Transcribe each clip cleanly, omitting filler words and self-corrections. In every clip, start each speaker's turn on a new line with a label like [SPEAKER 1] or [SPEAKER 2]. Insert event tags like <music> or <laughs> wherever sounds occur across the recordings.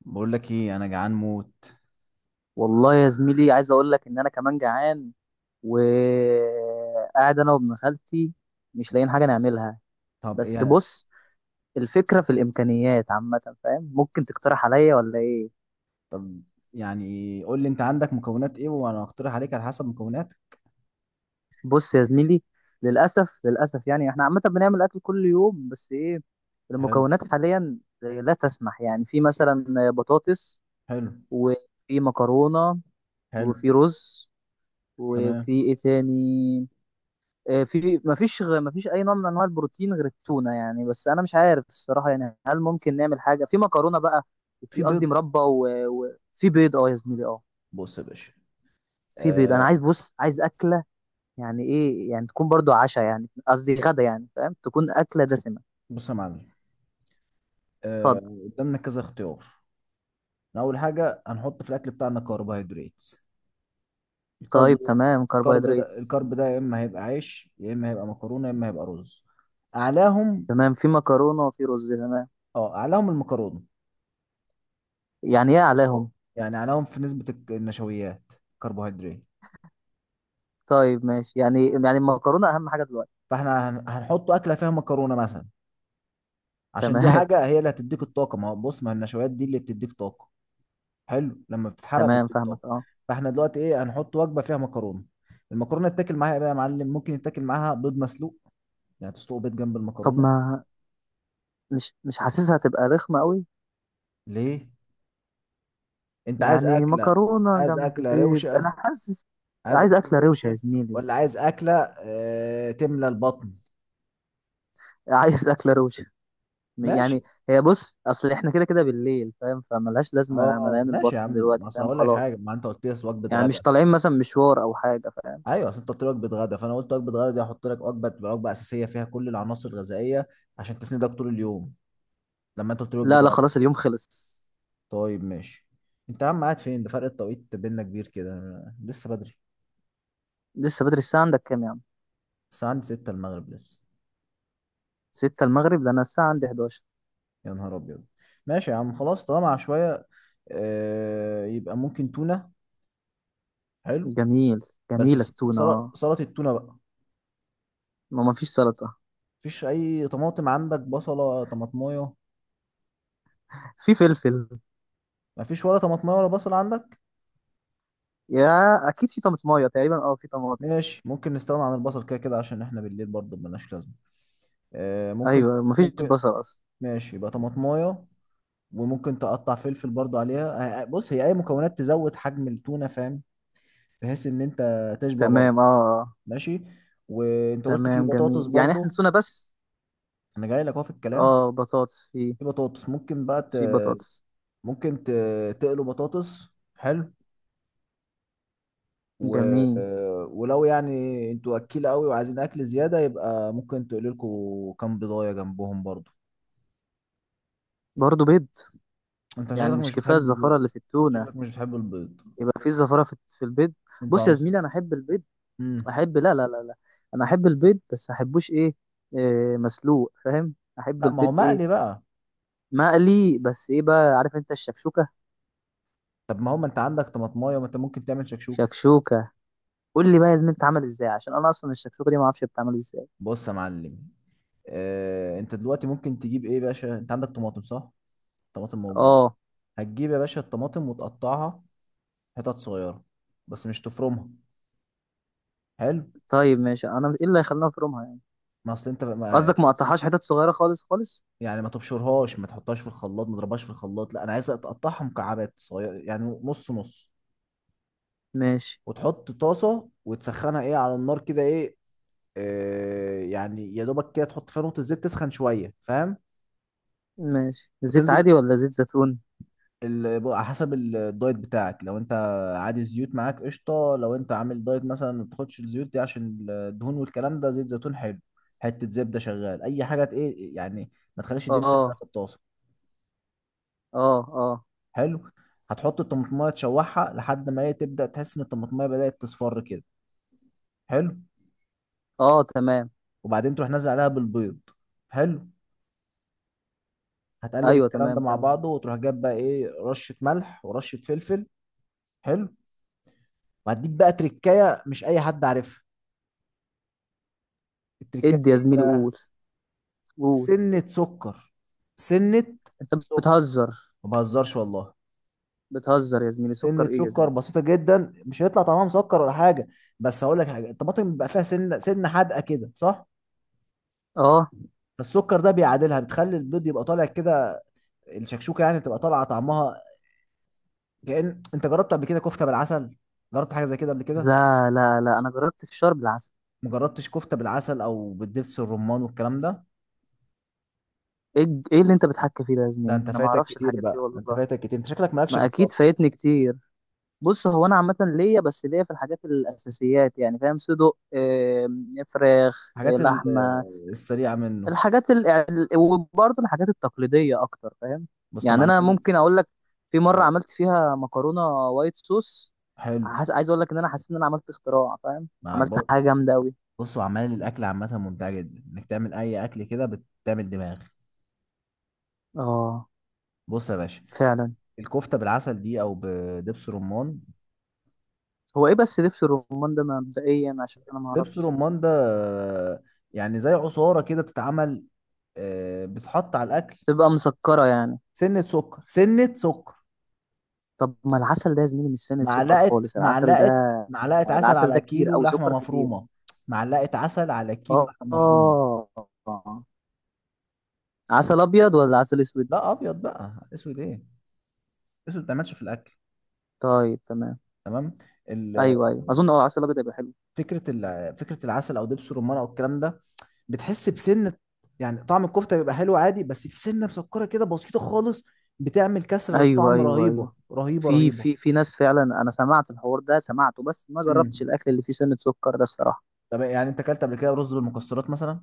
[SPEAKER 1] بقول لك ايه، انا جعان موت.
[SPEAKER 2] والله يا زميلي، عايز اقول لك ان انا كمان جعان. وقاعد انا وابن خالتي، مش لاقيين حاجه نعملها.
[SPEAKER 1] طب
[SPEAKER 2] بس
[SPEAKER 1] ايه؟
[SPEAKER 2] بص، الفكره في الامكانيات عامه، فاهم؟ ممكن تقترح عليا ولا ايه؟
[SPEAKER 1] طب، يعني قول لي انت عندك مكونات ايه، وانا هقترح عليك على حسب مكوناتك.
[SPEAKER 2] بص يا زميلي، للاسف للاسف يعني احنا عامه بنعمل اكل كل يوم، بس ايه،
[SPEAKER 1] حلو.
[SPEAKER 2] المكونات حاليا لا تسمح. يعني في مثلا بطاطس،
[SPEAKER 1] حلو.
[SPEAKER 2] وفي مكرونه،
[SPEAKER 1] حلو.
[SPEAKER 2] وفي رز، وفي
[SPEAKER 1] تمام.
[SPEAKER 2] ايه تاني؟ مفيش اي نوع من انواع البروتين غير التونه يعني. بس انا مش عارف الصراحه، يعني هل ممكن نعمل حاجه في مكرونه بقى؟
[SPEAKER 1] في
[SPEAKER 2] وفي قصدي
[SPEAKER 1] بيض.
[SPEAKER 2] مربى وفي بيض. اه يا زميلي، اه،
[SPEAKER 1] بص يا باشا.
[SPEAKER 2] في بيض. انا
[SPEAKER 1] آه.
[SPEAKER 2] عايز، بص، عايز اكله. يعني ايه؟ يعني تكون برضو عشاء، يعني قصدي غدا، يعني فاهم، تكون اكله دسمه.
[SPEAKER 1] بص يا معلم.
[SPEAKER 2] اتفضل.
[SPEAKER 1] آه. قدامنا كذا اختيار. اول حاجه هنحط في الاكل بتاعنا كربوهيدرات. الكرب
[SPEAKER 2] طيب، تمام،
[SPEAKER 1] الكرب
[SPEAKER 2] كربوهيدرات.
[SPEAKER 1] ده الكرب ده يا اما هيبقى عيش، يا اما هيبقى مكرونه، يا اما هيبقى رز. اعلاهم؟
[SPEAKER 2] تمام، في مكرونه وفي رز، تمام.
[SPEAKER 1] اه، اعلاهم المكرونه.
[SPEAKER 2] يعني ايه عليهم؟
[SPEAKER 1] يعني اعلاهم في نسبه النشويات، كربوهيدرات.
[SPEAKER 2] طيب ماشي، يعني المكرونه اهم حاجه دلوقتي.
[SPEAKER 1] فاحنا هنحط اكله فيها مكرونه مثلا، عشان دي
[SPEAKER 2] تمام.
[SPEAKER 1] حاجه
[SPEAKER 2] <laughs>
[SPEAKER 1] هي اللي هتديك الطاقه. ما هو بص، ما النشويات دي اللي بتديك طاقه. حلو، لما بتتحرق
[SPEAKER 2] تمام،
[SPEAKER 1] بتديك طاقه.
[SPEAKER 2] فاهمك، اه.
[SPEAKER 1] فاحنا دلوقتي ايه، هنحط وجبه فيها مكرونه. المكرونه تتاكل معاها ايه بقى يا معلم؟ ممكن يتاكل معاها بيض مسلوق، يعني تسلق بيض جنب
[SPEAKER 2] طب
[SPEAKER 1] المكرونه.
[SPEAKER 2] ما، مش مش حاسسها هتبقى رخمه قوي.
[SPEAKER 1] ليه؟ انت عايز
[SPEAKER 2] يعني
[SPEAKER 1] اكله؟
[SPEAKER 2] مكرونة
[SPEAKER 1] عايز
[SPEAKER 2] جنب
[SPEAKER 1] اكله
[SPEAKER 2] بيض، أنا
[SPEAKER 1] روشه.
[SPEAKER 2] حاسس.
[SPEAKER 1] عايز
[SPEAKER 2] عايز
[SPEAKER 1] اكله
[SPEAKER 2] أكلة روشة يا
[SPEAKER 1] روشه.
[SPEAKER 2] زميلي.
[SPEAKER 1] ولا عايز اكله اه تملى البطن؟
[SPEAKER 2] عايز أكلة روشة. يعني،
[SPEAKER 1] ماشي.
[SPEAKER 2] هي بص، أصل إحنا كده كده بالليل، فاهم، فملهاش لازمة
[SPEAKER 1] اه،
[SPEAKER 2] مليان
[SPEAKER 1] ماشي يا
[SPEAKER 2] البطن
[SPEAKER 1] عم،
[SPEAKER 2] دلوقتي،
[SPEAKER 1] اصل
[SPEAKER 2] فاهم،
[SPEAKER 1] هقول لك حاجه.
[SPEAKER 2] خلاص.
[SPEAKER 1] ما انت قلت لي وجبه
[SPEAKER 2] يعني مش
[SPEAKER 1] غدا.
[SPEAKER 2] طالعين مثلا مشوار أو حاجة، فاهم.
[SPEAKER 1] ايوه، اصل انت قلت لي وجبه غدا، فانا قلت وجبه غدا دي هحط لك وجبه، تبقى وجبه اساسيه فيها كل العناصر الغذائيه، عشان تسندك طول اليوم. لما انت قلت لي
[SPEAKER 2] لا
[SPEAKER 1] وجبه
[SPEAKER 2] لا،
[SPEAKER 1] غدا.
[SPEAKER 2] خلاص اليوم خلص.
[SPEAKER 1] طيب ماشي. انت يا عم قاعد فين؟ ده فرق التوقيت بيننا كبير كده، أنا لسه بدري.
[SPEAKER 2] لسه بدري. الساعة عندك كام يا عم؟
[SPEAKER 1] الساعه عندي 6 المغرب لسه.
[SPEAKER 2] 6 المغرب؟ ده أنا الساعة عندي 11.
[SPEAKER 1] يا نهار ابيض. ماشي يا عم خلاص، طالما شويه. آه، يبقى ممكن تونه. حلو.
[SPEAKER 2] جميل.
[SPEAKER 1] بس
[SPEAKER 2] جميلة
[SPEAKER 1] ص-
[SPEAKER 2] التونة،
[SPEAKER 1] سل-
[SPEAKER 2] آه.
[SPEAKER 1] سلطه التونه بقى.
[SPEAKER 2] ما فيش سلطة.
[SPEAKER 1] مفيش اي طماطم عندك، بصله، طماطمايه؟
[SPEAKER 2] في فلفل.
[SPEAKER 1] مفيش ولا طماطمايه ولا بصل عندك؟
[SPEAKER 2] يا، أكيد في طماطماية. تقريبا في طماطم.
[SPEAKER 1] ماشي، ممكن نستغنى عن البصل كده كده، عشان احنا بالليل برضه ملناش لازمه. آه ممكن.
[SPEAKER 2] أيوة، ما فيش
[SPEAKER 1] ممكن.
[SPEAKER 2] بصل أصلا.
[SPEAKER 1] ماشي، يبقى طماطمايه، وممكن تقطع فلفل برضه عليها. آه، آه، بص، هي اي مكونات تزود حجم التونه، فاهم، بحيث ان انت تشبع برضه.
[SPEAKER 2] تمام، أه، آه.
[SPEAKER 1] ماشي. وانت قلت في
[SPEAKER 2] تمام جميل،
[SPEAKER 1] بطاطس
[SPEAKER 2] يعني احنا
[SPEAKER 1] برضه.
[SPEAKER 2] نسونا بس.
[SPEAKER 1] انا جاي لك اهو في الكلام.
[SPEAKER 2] اه، بطاطس في.
[SPEAKER 1] في بطاطس ممكن بقى
[SPEAKER 2] في بطاطس.
[SPEAKER 1] ممكن تقلوا بطاطس، حلو. و...
[SPEAKER 2] جميل.
[SPEAKER 1] آه، ولو يعني انتوا اكيله قوي وعايزين اكل زياده، يبقى ممكن تقلوا لكم كام بيضايه جنبهم برضه.
[SPEAKER 2] برضه بيض؟
[SPEAKER 1] انت
[SPEAKER 2] يعني
[SPEAKER 1] شكلك
[SPEAKER 2] مش
[SPEAKER 1] مش
[SPEAKER 2] كفايه
[SPEAKER 1] بتحب
[SPEAKER 2] الزفاره
[SPEAKER 1] البيض.
[SPEAKER 2] اللي في التونه؟
[SPEAKER 1] شكلك مش بتحب البيض.
[SPEAKER 2] يبقى في زفاره في البيض.
[SPEAKER 1] انت
[SPEAKER 2] بص يا
[SPEAKER 1] عنصر.
[SPEAKER 2] زميلي، انا احب البيض.
[SPEAKER 1] امم
[SPEAKER 2] احب، لا لا لا لا، انا احب البيض، بس ما احبوش إيه، مسلوق، فاهم، احب
[SPEAKER 1] لا، ما هو
[SPEAKER 2] البيض، ايه،
[SPEAKER 1] مقلي بقى.
[SPEAKER 2] مقلي، بس ايه بقى؟ عارف انت الشكشوكه؟
[SPEAKER 1] طب، ما هو ما انت عندك طماطمايه، ما انت ممكن تعمل شكشوك.
[SPEAKER 2] شكشوكه. قول لي بقى يا زميلي بتتعمل ازاي، عشان انا اصلا الشكشوكه دي ما اعرفش بتتعمل ازاي.
[SPEAKER 1] بص يا معلم. اه، انت دلوقتي ممكن تجيب ايه يا باشا؟ انت عندك طماطم صح؟ طماطم موجود.
[SPEAKER 2] اه.
[SPEAKER 1] هتجيب يا باشا الطماطم وتقطعها حتت صغيره، بس مش تفرمها. حلو.
[SPEAKER 2] طيب ماشي، انا ايه اللي هيخلينا نفرمها يعني؟
[SPEAKER 1] ما اصل انت ما...
[SPEAKER 2] قصدك ما اقطعهاش حتت صغيره خالص خالص.
[SPEAKER 1] يعني ما تبشرهاش، ما تحطهاش في الخلاط، ما تضربهاش في الخلاط، لا انا عايز تقطعها مكعبات صغيره، يعني نص نص.
[SPEAKER 2] ماشي.
[SPEAKER 1] وتحط طاسه وتسخنها، ايه، على النار كده، ايه. يعني يا دوبك كده، تحط فيها نقطة زيت، تسخن شوية، فاهم.
[SPEAKER 2] ماشي، زيت
[SPEAKER 1] وتنزل
[SPEAKER 2] عادي ولا زيت زيتون؟
[SPEAKER 1] على حسب الدايت بتاعك، لو انت عادي الزيوت معاك قشطة، لو انت عامل دايت مثلا ما بتاخدش الزيوت دي عشان الدهون والكلام ده، زيت زيتون حلو، حتة زبدة شغال، أي حاجة ايه يعني، ما تخليش الدنيا تلزق
[SPEAKER 2] اه،
[SPEAKER 1] في الطاسة.
[SPEAKER 2] اه. اه،
[SPEAKER 1] حلو. هتحط الطماطماية تشوحها لحد ما هي تبدأ تحس إن الطماطماية بدأت تصفر كده. حلو.
[SPEAKER 2] اه، تمام.
[SPEAKER 1] وبعدين تروح نازل عليها بالبيض. حلو. هتقلب
[SPEAKER 2] ايوه
[SPEAKER 1] الكلام ده
[SPEAKER 2] تمام،
[SPEAKER 1] مع
[SPEAKER 2] كمل.
[SPEAKER 1] بعضه، وتروح جايب بقى ايه، رشة ملح ورشة فلفل. حلو. وهديك بقى تركايه، مش اي حد عارفها. التركايه
[SPEAKER 2] ادي
[SPEAKER 1] دي
[SPEAKER 2] يا
[SPEAKER 1] ايه
[SPEAKER 2] زميلي،
[SPEAKER 1] بقى؟
[SPEAKER 2] قول. قول.
[SPEAKER 1] سنه سكر. سنه
[SPEAKER 2] انت
[SPEAKER 1] سكر.
[SPEAKER 2] بتهزر.
[SPEAKER 1] ما بهزرش والله.
[SPEAKER 2] بتهزر يا زميلي، سكر
[SPEAKER 1] سنه
[SPEAKER 2] ايه يا
[SPEAKER 1] سكر
[SPEAKER 2] زميلي؟
[SPEAKER 1] بسيطه جدا، مش هيطلع طعمها مسكر ولا حاجه. بس هقول لك حاجه، الطماطم بيبقى فيها سنه، سنه حادقه كده صح؟
[SPEAKER 2] اه.
[SPEAKER 1] فالسكر ده بيعادلها، بتخلي البيض يبقى طالع كده. الشكشوكه يعني تبقى طالعه طعمها. كأن انت جربت قبل كده كفته بالعسل؟ جربت حاجه زي كده قبل كده؟
[SPEAKER 2] لا لا لا، انا جربت الفشار بالعسل.
[SPEAKER 1] مجربتش كفته بالعسل او بالدبس الرمان والكلام ده.
[SPEAKER 2] إيه اللي انت بتحكي فيه ده يا
[SPEAKER 1] ده
[SPEAKER 2] زميلي؟
[SPEAKER 1] انت
[SPEAKER 2] انا ما
[SPEAKER 1] فايتك
[SPEAKER 2] اعرفش
[SPEAKER 1] كتير
[SPEAKER 2] الحاجات دي
[SPEAKER 1] بقى، ده انت
[SPEAKER 2] والله.
[SPEAKER 1] فايتك كتير، انت شكلك مالكش في
[SPEAKER 2] ما اكيد
[SPEAKER 1] الطبخ.
[SPEAKER 2] فايتني كتير. بص، هو انا عامه ليا، بس ليا في الحاجات الاساسيات، يعني فاهم، صدق، فراخ،
[SPEAKER 1] الحاجات
[SPEAKER 2] لحمه.
[SPEAKER 1] السريعة منه.
[SPEAKER 2] يعني وبرضه الحاجات التقليدية أكتر، فاهم.
[SPEAKER 1] بص يا
[SPEAKER 2] يعني أنا
[SPEAKER 1] معلم.
[SPEAKER 2] ممكن أقول لك، في مرة
[SPEAKER 1] آه.
[SPEAKER 2] عملت فيها مكرونة وايت صوص.
[SPEAKER 1] حلو.
[SPEAKER 2] عايز أقول لك إن أنا حسيت إن أنا عملت اختراع، فاهم،
[SPEAKER 1] مع
[SPEAKER 2] عملت
[SPEAKER 1] ب-
[SPEAKER 2] حاجة جامدة أوي.
[SPEAKER 1] بص، وعمال الأكل عامة ممتعة جدا إنك تعمل أي أكل كده، بتعمل دماغ.
[SPEAKER 2] آه،
[SPEAKER 1] بص يا باشا.
[SPEAKER 2] فعلا.
[SPEAKER 1] الكفتة بالعسل دي أو بدبس رمان.
[SPEAKER 2] هو إيه بس دبس الرمان ده مبدئيا؟ عشان أنا
[SPEAKER 1] دبس
[SPEAKER 2] معرفش.
[SPEAKER 1] رمان ده، آه، يعني زي عصارة كده بتتعمل، آه، بتحط على الأكل.
[SPEAKER 2] تبقى مسكرة يعني؟
[SPEAKER 1] سنة سكر. سنة سكر.
[SPEAKER 2] طب ما العسل ده يا زميلي مش سنة سكر
[SPEAKER 1] معلقة
[SPEAKER 2] خالص العسل
[SPEAKER 1] معلقة
[SPEAKER 2] ده؟
[SPEAKER 1] معلقة عسل
[SPEAKER 2] العسل
[SPEAKER 1] على
[SPEAKER 2] ده كتير
[SPEAKER 1] كيلو
[SPEAKER 2] أو
[SPEAKER 1] لحمة
[SPEAKER 2] سكر كتير؟
[SPEAKER 1] مفرومة. معلقة عسل على كيلو
[SPEAKER 2] آه،
[SPEAKER 1] لحمة مفرومة.
[SPEAKER 2] آه. عسل أبيض ولا عسل أسود؟
[SPEAKER 1] لا، أبيض بقى، أسود إيه؟ أسود ما بتعملش في الأكل.
[SPEAKER 2] طيب تمام.
[SPEAKER 1] تمام. ال-
[SPEAKER 2] أيوه أيوه، أظن أه عسل أبيض هيبقى حلو.
[SPEAKER 1] فكره العسل او دبس الرمان او الكلام ده، بتحس بسنه، يعني طعم الكفته بيبقى حلو عادي، بس في سنه مسكره كده بسيطه خالص. بتعمل كسره
[SPEAKER 2] ايوه
[SPEAKER 1] للطعم
[SPEAKER 2] ايوه ايوه،
[SPEAKER 1] رهيبه رهيبه
[SPEAKER 2] في
[SPEAKER 1] رهيبه.
[SPEAKER 2] في في ناس فعلا، انا سمعت الحوار ده، سمعته بس ما جربتش
[SPEAKER 1] امم.
[SPEAKER 2] الاكل اللي فيه سنه سكر ده الصراحه.
[SPEAKER 1] طب يعني انت اكلت قبل كده رز بالمكسرات مثلا؟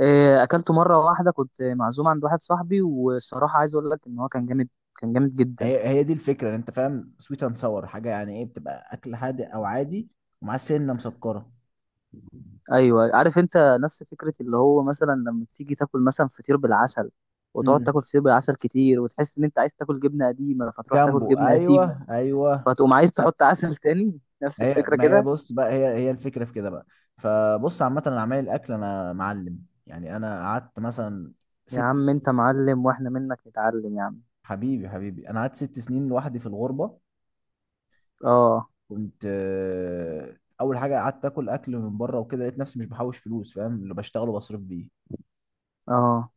[SPEAKER 2] إيه، اكلته مره واحده، كنت معزوم عند واحد صاحبي، والصراحه عايز اقول لك ان هو كان جامد، كان جامد جدا.
[SPEAKER 1] هي هي دي الفكره، ان انت فاهم، سويت اند ساور حاجه، يعني ايه بتبقى اكل هادئ او عادي، ومعاه سنه مسكره.
[SPEAKER 2] ايوه عارف انت، نفس فكره اللي هو مثلا لما تيجي تاكل مثلا فطير بالعسل، وتقعد تاكل
[SPEAKER 1] امم.
[SPEAKER 2] فطير بالعسل كتير، وتحس ان انت عايز تاكل جبنه قديمه، فتروح
[SPEAKER 1] جنبه،
[SPEAKER 2] تاكل جبنه
[SPEAKER 1] ايوه
[SPEAKER 2] قديمه،
[SPEAKER 1] ايوه.
[SPEAKER 2] فتقوم عايز تحط عسل تاني، نفس
[SPEAKER 1] ما هي،
[SPEAKER 2] الفكره
[SPEAKER 1] ما هي،
[SPEAKER 2] كده.
[SPEAKER 1] بص بقى، هي هي الفكره في كده بقى. فبص عامه، انا عمال الاكل انا معلم. يعني انا قعدت مثلا
[SPEAKER 2] يا
[SPEAKER 1] ست
[SPEAKER 2] عم انت
[SPEAKER 1] سنين
[SPEAKER 2] معلم، واحنا منك نتعلم يا عم.
[SPEAKER 1] حبيبي، حبيبي، انا قعدت 6 سنين لوحدي في الغربه.
[SPEAKER 2] اه،
[SPEAKER 1] كنت اول حاجه قعدت اكل اكل من بره وكده، لقيت نفسي مش بحوش فلوس، فاهم، اللي بشتغله بصرف بيه.
[SPEAKER 2] اه.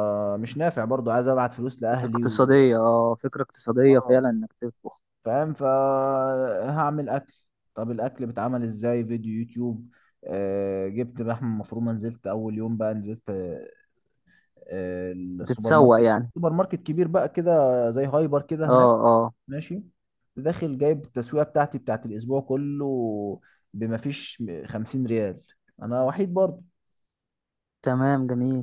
[SPEAKER 1] مش نافع برضو، عايز ابعت فلوس لاهلي و...
[SPEAKER 2] اقتصادية، اه، فكرة اقتصادية
[SPEAKER 1] آه،
[SPEAKER 2] فعلا انك تطبخ.
[SPEAKER 1] فاهم، فهعمل اكل. طب الاكل بيتعمل ازاي؟ فيديو يوتيوب. جبت لحمه مفرومه، نزلت اول يوم بقى، نزلت السوبر
[SPEAKER 2] تتسوق
[SPEAKER 1] ماركت،
[SPEAKER 2] يعني.
[SPEAKER 1] سوبر ماركت كبير بقى كده، زي هايبر كده
[SPEAKER 2] اه،
[SPEAKER 1] هناك.
[SPEAKER 2] اه.
[SPEAKER 1] ماشي. داخل جايب التسويقه بتاعتي بتاعت الاسبوع كله، بما فيش 50 ريال، انا وحيد برضه.
[SPEAKER 2] تمام جميل.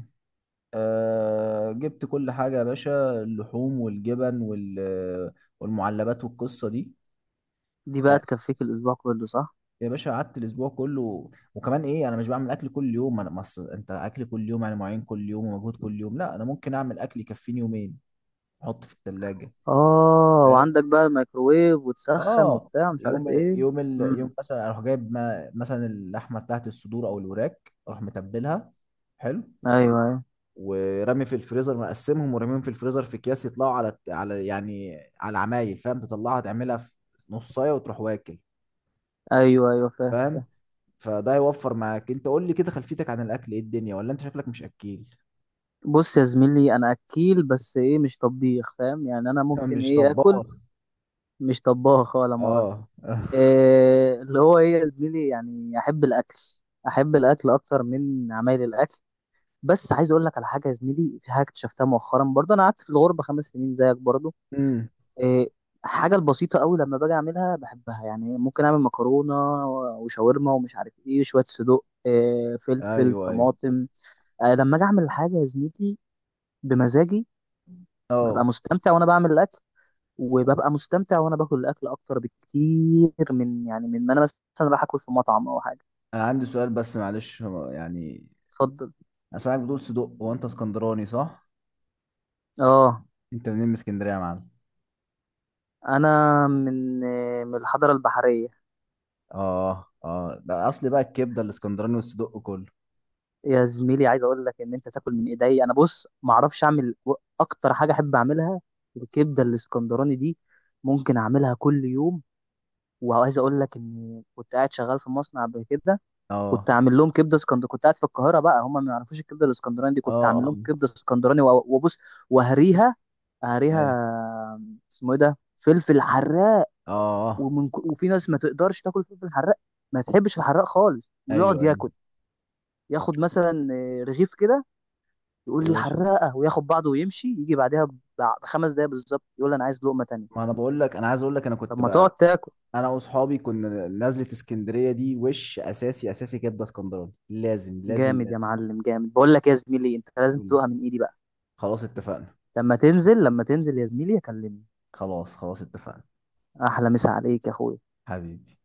[SPEAKER 1] أه، جبت كل حاجه يا باشا، اللحوم والجبن والمعلبات والقصه دي.
[SPEAKER 2] دي بقى
[SPEAKER 1] يعني
[SPEAKER 2] تكفيك الاسبوع كله، صح؟
[SPEAKER 1] يا باشا، قعدت الاسبوع كله، وكمان ايه، انا مش بعمل اكل كل يوم، انت اكل كل يوم يعني معين كل يوم ومجهود كل يوم، لا انا ممكن اعمل اكل يكفيني يومين، احط في الثلاجه.
[SPEAKER 2] اه، وعندك بقى الميكروويف وتسخن
[SPEAKER 1] اه.
[SPEAKER 2] وبتاع، مش عارف
[SPEAKER 1] يوم.
[SPEAKER 2] ايه.
[SPEAKER 1] يوم
[SPEAKER 2] امم.
[SPEAKER 1] مثلا اروح جايب ما... مثلا اللحمه بتاعت الصدور او الوراك، اروح متبلها. حلو.
[SPEAKER 2] ايوه ايوه.
[SPEAKER 1] ورمي في الفريزر، مقسمهم ورميهم في الفريزر في اكياس، يطلعوا على يعني على العمايل، فاهم، تطلعها تعملها في نصايه وتروح واكل.
[SPEAKER 2] ايوه ايوه فاهم.
[SPEAKER 1] فاهم. فده هيوفر معاك، انت قول لي كده خلفيتك عن الاكل ايه الدنيا، ولا انت شكلك مش اكيل.
[SPEAKER 2] بص يا زميلي، انا اكيل بس ايه، مش طبيخ، فاهم، يعني انا
[SPEAKER 1] <laughs>
[SPEAKER 2] ممكن
[SPEAKER 1] مش
[SPEAKER 2] ايه، اكل.
[SPEAKER 1] طباخ.
[SPEAKER 2] مش طباخ ولا مؤاخذة.
[SPEAKER 1] اه <laughs>
[SPEAKER 2] إيه اللي هو ايه يا زميلي؟ يعني احب الاكل، احب الاكل اكتر من عمايل الاكل. بس عايز اقول لك على حاجه يا زميلي، في حاجه اكتشفتها مؤخرا، برضه انا قعدت في الغربه 5 سنين زيك برضه.
[SPEAKER 1] امم.
[SPEAKER 2] إيه، حاجه البسيطه قوي، لما باجي اعملها بحبها. يعني ممكن اعمل مكرونه وشاورما ومش عارف ايه، شويه صدوق، إيه، فلفل،
[SPEAKER 1] ايوه ايوه.
[SPEAKER 2] طماطم. لما اجي اعمل الحاجه يا زميلي بمزاجي، ببقى
[SPEAKER 1] اه.
[SPEAKER 2] مستمتع وانا بعمل الاكل، وببقى مستمتع وانا باكل الاكل اكتر بكتير يعني من ما انا مثلا راح اكل في مطعم او حاجه.
[SPEAKER 1] انا عندي سؤال بس معلش، يعني
[SPEAKER 2] اتفضل.
[SPEAKER 1] انا سامعك بتقول صدق، هو انت اسكندراني صح؟
[SPEAKER 2] اه،
[SPEAKER 1] انت منين من اسكندريه يا معلم؟
[SPEAKER 2] انا من من الحضاره البحريه.
[SPEAKER 1] اه، اه، ده اصل بقى الكبده الاسكندراني والصدق كله.
[SPEAKER 2] يا زميلي، عايز اقول لك ان انت تاكل من ايدي. انا بص، ما اعرفش اعمل، اكتر حاجه احب اعملها الكبده الاسكندراني دي، ممكن اعملها كل يوم. وعايز اقول لك ان كنت قاعد شغال في مصنع قبل كده، كنت
[SPEAKER 1] اه.
[SPEAKER 2] اعمل لهم كبده اسكندراني. كنت قاعد في القاهره بقى، هم ما يعرفوش الكبده الاسكندراني دي.
[SPEAKER 1] اه.
[SPEAKER 2] كنت اعمل
[SPEAKER 1] اه.
[SPEAKER 2] لهم كبده اسكندراني وبص، وهريها.
[SPEAKER 1] ايوه.
[SPEAKER 2] هريها. اسمه ايه ده، فلفل حراق.
[SPEAKER 1] اه. آه.
[SPEAKER 2] وفي ناس ما تقدرش تاكل فلفل حراق، ما تحبش الحراق خالص، ويقعد
[SPEAKER 1] ايوه ايوه.
[SPEAKER 2] ياكل، ياخد مثلا رغيف كده، يقول
[SPEAKER 1] يا
[SPEAKER 2] لي
[SPEAKER 1] باشا.
[SPEAKER 2] حراقه، وياخد بعضه ويمشي، يجي بعدها ب5 دقايق بالظبط، يقول لي انا عايز لقمه تانية.
[SPEAKER 1] ما انا بقول لك، انا عايز اقول لك انا
[SPEAKER 2] طب
[SPEAKER 1] كنت
[SPEAKER 2] ما تقعد
[SPEAKER 1] بقى،
[SPEAKER 2] تاكل.
[SPEAKER 1] انا واصحابي كنا نازله اسكندريه دي وش اساسي، اساسي كبده اسكندراني، لازم لازم
[SPEAKER 2] جامد يا
[SPEAKER 1] لازم.
[SPEAKER 2] معلم، جامد. بقول لك يا زميلي، انت لازم
[SPEAKER 1] قول.
[SPEAKER 2] تدوقها من ايدي بقى.
[SPEAKER 1] خلاص اتفقنا.
[SPEAKER 2] لما تنزل، لما تنزل يا زميلي، اكلمني.
[SPEAKER 1] خلاص خلاص اتفقنا.
[SPEAKER 2] احلى مسا عليك يا اخويا.
[SPEAKER 1] حبيبي.